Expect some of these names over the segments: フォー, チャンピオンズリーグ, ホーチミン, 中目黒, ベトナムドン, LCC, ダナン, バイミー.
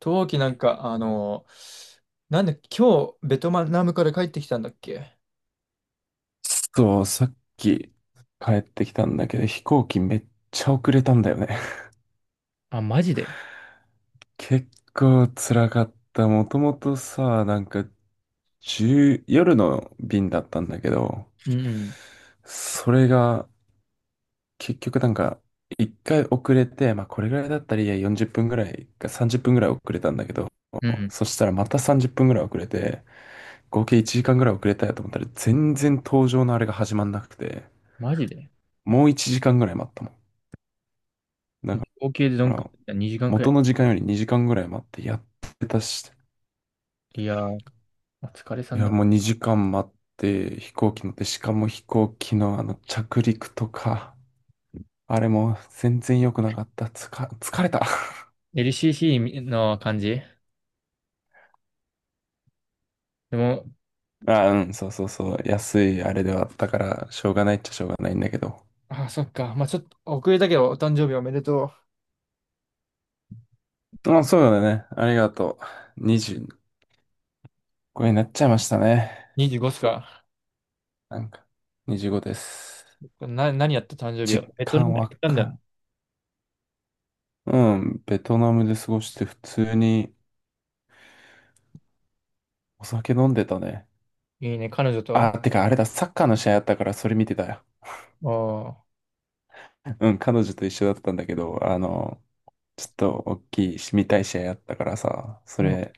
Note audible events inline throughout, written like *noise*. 陶器なんか、なんで、今日、ベトナムから帰ってきたんだっけ？そう、さっき帰ってきたんだけど、飛行機めっちゃ遅れたんだよね。*laughs* あ、マジで。結構辛かった。もともとさ、なんか、1夜の便だったんだけど、うんうん。それが、結局なんか、一回遅れて、まあこれぐらいだったらいいや、40分ぐらいか30分ぐらい遅れたんだけど、うん。そしたらまた30分ぐらい遅れて、合計1時間ぐらい遅れたやと思ったら、全然搭乗のあれが始まんなくて、マジで。もう1時間ぐらい待ったもん。合計でどだんかくら、らい？ 2 時間くら元い。の時間より2時間ぐらい待ってやってたし、いやー、お疲れさいんや、だ。もう2時間待って飛行機乗って、しかも飛行機の着陸とか、あれも全然良くなかった。つか、疲れた。LCC の感じでも、*laughs* あ、うん、そうそうそう。安いあれではあったから、しょうがないっちゃしょうがないんだけど。あ、そっか。まあちょっと遅れたけど、お誕生日おめでとう。まあ、そうだね。ありがとう。25になっちゃいましたね。25っすか。なんか、25です。何やった誕生日実を。ベトナム感行わったんだよね。かうん、ベトナムで過ごして普通にお酒飲んでたね。いいね、彼女と。あ、てかあれだ、サッカーの試合あったからそれ見てたよ。おー、うん、彼女と一緒だったんだけど、ちょっと大きいし、見たい試合あったからさ、そもれ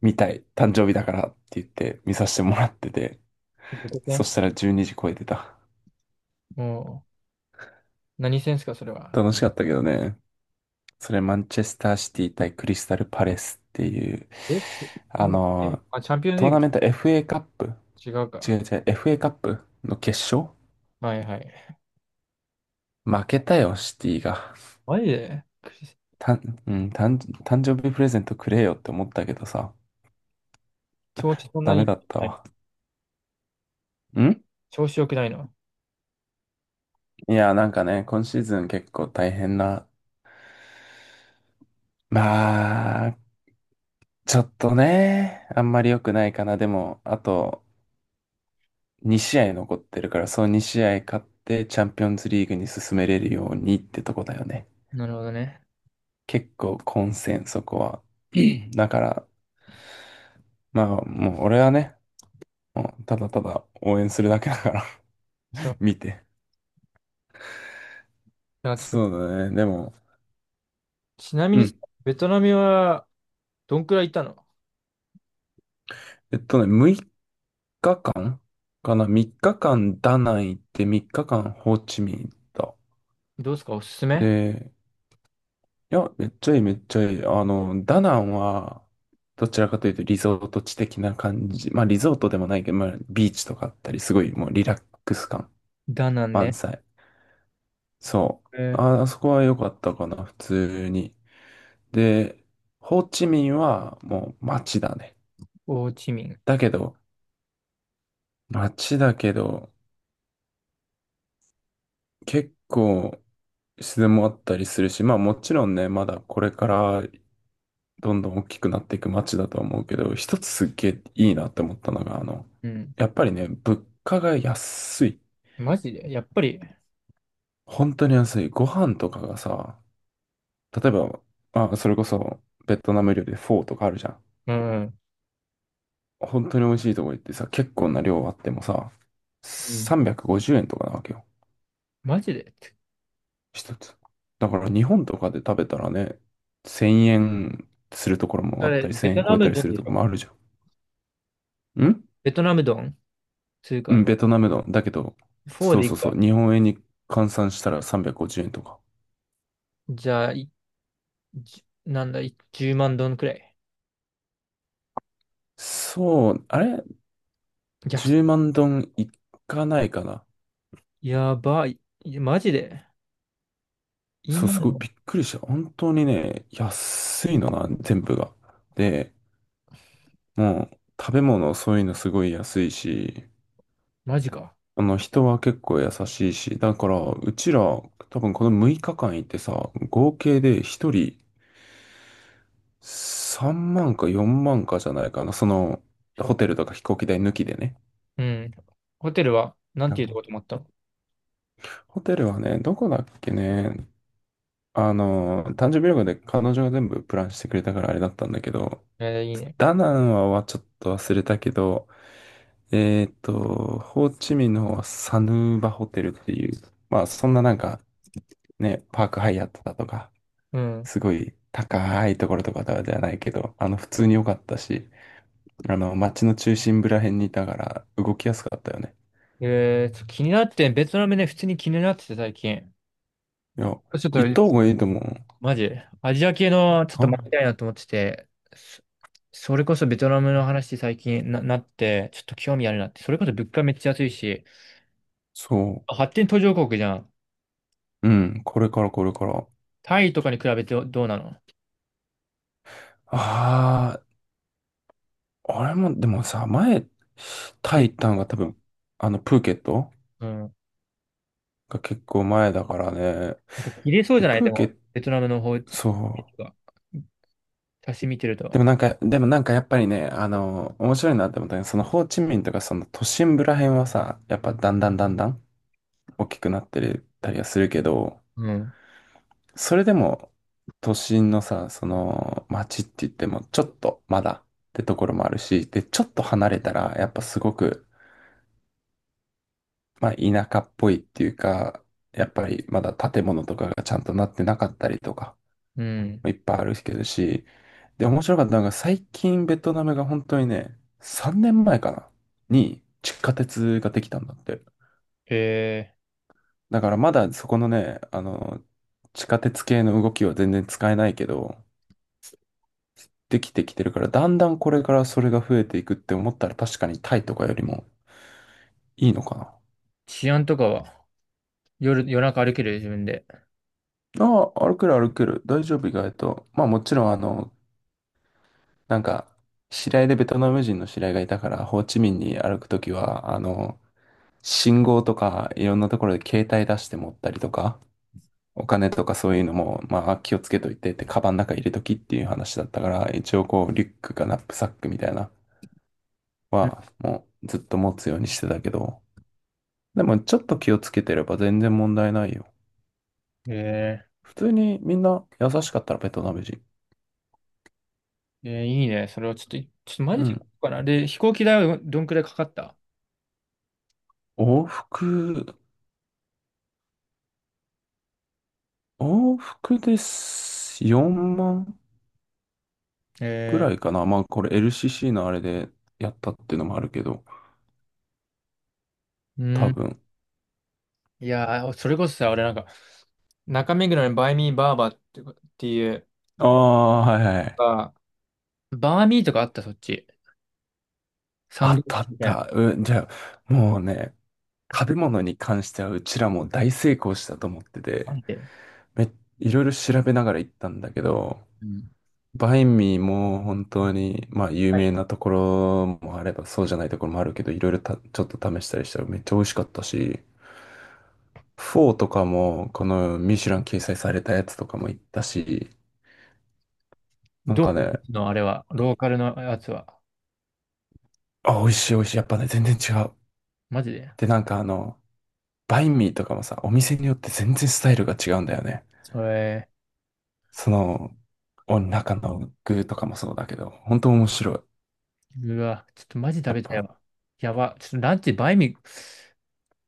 見たい、誕生日だからって言って見させてもらってて、う、どこそ戦したら12時超えてた。もう、何戦っすか、それは。楽しかったけどね。それマンチェスターシティ対クリスタルパレスっていう、え、あ今、の、チャンピオンズトーリーナメント FA カップグ違う違か。う違う、FA カップの決勝はいはい。負けたよ、シティが。マジで。クリスうん、誕生日プレゼントくれよって思ったけどさ、調子そんなダメに、だったない。わ。ん調子良くないの。いや、なんかね、今シーズン結構大変な、まあ、ちょっとね、あんまり良くないかな。でも、あと2試合残ってるから、そう2試合勝ってチャンピオンズリーグに進めれるようにってとこだよね。なるほどね。結構混戦、そこは。*clears throat* だから、まあ、もう俺はね、もうただただ応援するだけだから そう。*laughs* 見て。なんかちょっと、そうだね。でも、ちなみうにさ、ん。ベトナムはどんくらいいたの？6日間かな？ 3 日間ダナン行って、3日間ホーチミン行った。どうですか、おすすめ？で、いや、めっちゃいい、めっちゃいい。ダナンは、どちらかというとリゾート地的な感じ。まあ、リゾートでもないけど、まあ、ビーチとかあったり、すごいもうリラックス感ダナン満ね。載。そう。えー、あ、あそこは良かったかな、普通に。で、ホーチミンはもう街だね。ホーチミン。だけど、街だけど、結構自然もあったりするし、まあもちろんね、まだこれからどんどん大きくなっていく街だとは思うけど、一つすっげえいいなって思ったのが、うん。やっぱりね、物価が安い。マジでやっぱり、本当に安い。ご飯とかがさ、例えば、まあ、それこそベトナム料理でフォーとかあるじゃん。うん。本当に美味しいとこ行ってさ、結構な量あってもさ、うん、350円とかなわけよ。マジで。一つ。だから日本とかで食べたらね、1000円するところもああっれ、たり、ベ1000ト円超ナえたムりドすンるでとしころもょ？あるじゃん。ベトナムドンつううか、ん、ベトナムの。だけど、フォーそうでいそうくそか。う、日本円に換算したら350円とか。じゃあ、じなんだ、10万ドンくらい。そう、あれ？ や、10 万ドンいかないかな。やばい。いやマジでそう、今すの、ごいびっくりした。本当にね、安いのな、全部が。で、もう、食べ物、そういうのすごい安いし、マジか。人は結構優しいし、だから、うちら、多分この6日間行ってさ、合計で1人3万か4万かじゃないかな。ホテルとか飛行機代抜きでね。うん。ホテルは、なんていうとこ泊まったの？ホテルはね、どこだっけね。誕生日旅行で彼女が全部プランしてくれたからあれだったんだけど、いいね。ダナンはちょっと忘れたけど、ホーチミンの方はサヌーバホテルっていう、まあそんななんかね、パークハイアットだとか、うん。すごい高いところとかではないけど、普通に良かったし、街の中心部ら辺にいたから動きやすかったよね。気になって、ベトナムね、普通に気になってて最近。いや、ちょっと、行った方がいいと思う。マジ、アジア系のちょっとた回りたいなと思ってて、そそれこそベトナムの話最近なって、ちょっと興味あるなって、それこそ物価めっちゃ安いし、そ発展途上国じゃん。う。うん、これからこれから。タイとかに比べてどうなの？ああ、俺も、でもさ、前、タえイ行ったのが多分、プーケットうん。が結構前だからね。なんか切れそうで、じゃない、プでーケも、ット、ベトナムの方が、そう。私見てるでと。もなんか、でもなんかやっぱりね、面白いなって思ったのは、そのホーチミンとかその都心部ら辺はさ、やっぱだんだんだんだん大きくなってるたりはするけど、うん。それでも都心のさ、その街って言ってもちょっとまだってところもあるし、で、ちょっと離れたらやっぱすごく、まあ田舎っぽいっていうか、やっぱりまだ建物とかがちゃんとなってなかったりとか、うん。いっぱいあるけどし、で、面白かったのが最近ベトナムが本当にね、3年前かなに地下鉄ができたんだって。へえ。だからまだそこのね、地下鉄系の動きは全然使えないけど、できてきてるから、だんだんこれからそれが増えていくって思ったら確かにタイとかよりもいいのかな。治安とかは夜中歩ける自分で？ああ、歩ける歩ける。大丈夫意外と。まあもちろんなんか、知り合いでベトナム人の知り合いがいたから、ホーチミンに歩くときは、信号とかいろんなところで携帯出して持ったりとか、お金とかそういうのも、まあ気をつけといてって、カバンの中入れときっていう話だったから、一応こうリュックかナップサックみたいなうん。は、もうずっと持つようにしてたけど、でもちょっと気をつけてれば全然問題ないよ。え普通にみんな優しかったらベトナム人。いいね。それはちょっと、マうジで行こん。うかな。で、飛行機代はどんくらいかかった？往復、往復です4万ぐえらいかな。まあこれ LCC のあれでやったっていうのもあるけど、ー、う多ん。分。いやー、それこそさ、俺なんか、中目黒にバイミーバーバーってかっていう、ああ、はいはいあ、バーミーとかあった、そっち。サンあドイっッたあチっみたいた。うん、じゃあ、もうね、食べ物に関してはうちらも大成功したと思ってな。なて、んで。め、いろいろ調べながら行ったんだけど、うん。バインミーも本当に、まあ有は名い。なところもあればそうじゃないところもあるけど、いろいろ、ちょっと試したりしたらめっちゃ美味しかったし、フォーとかも、このミシュラン掲載されたやつとかも行ったし、なんどかね、うのあれは、ローカルのやつは？あ、美味しい美味しい。やっぱね、全然違う。マジで。で、なんか、バインミーとかもさ、お店によって全然スタイルが違うんだよね。えその、お中の具とかもそうだけど、本当面白い。ー、うわ、ちょっとマジ食やっべたいぱ、わ。やば。ちょっとランチバイミー、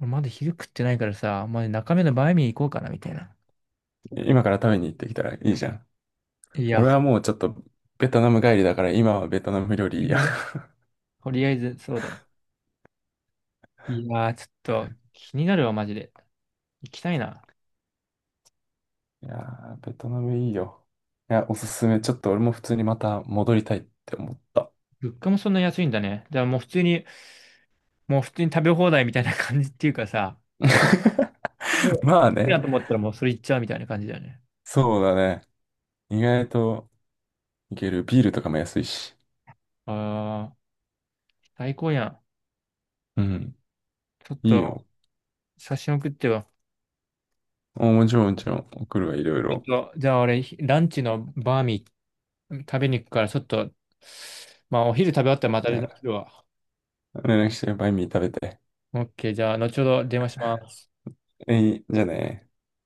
俺まだ昼食ってないからさ、まあ、中目のバイミー行こうかな、みたいな。今から食べに行ってきたらいいじゃん。いや、俺はもうちょっと、ベトナム帰りだから、今はベトナム料理いいや。*laughs* とりあえず、そうだよ。いやー、ちょっと、気になるわ、マジで。行きたいな。*laughs* いやー、ベトナムいいよ。いや、おすすめ。ちょっと俺も普通にまた戻りたいって思った。物価もそんな安いんだね。じゃあもう普通に、もう普通に食べ放題みたいな感じっていうかさ、こ *laughs* まれ、あいいね、なと思ったらもうそれ行っちゃうみたいな感じだよね。そうだね。意外といける。ビールとかも安いし。ああ、最高やん。うん、ちょっいいと、よ。写真送ってよ。もちろんもちろん、送るわ、いろいちょろ。っと、じゃあ俺、ランチのバーミー食べに行くから、ちょっと、まあお昼食べ終わったらまたじ連絡ゃするわ。あ、連絡して、バインミー食べて。オッケー、じゃあ後ほど電話します。えい、じゃあね。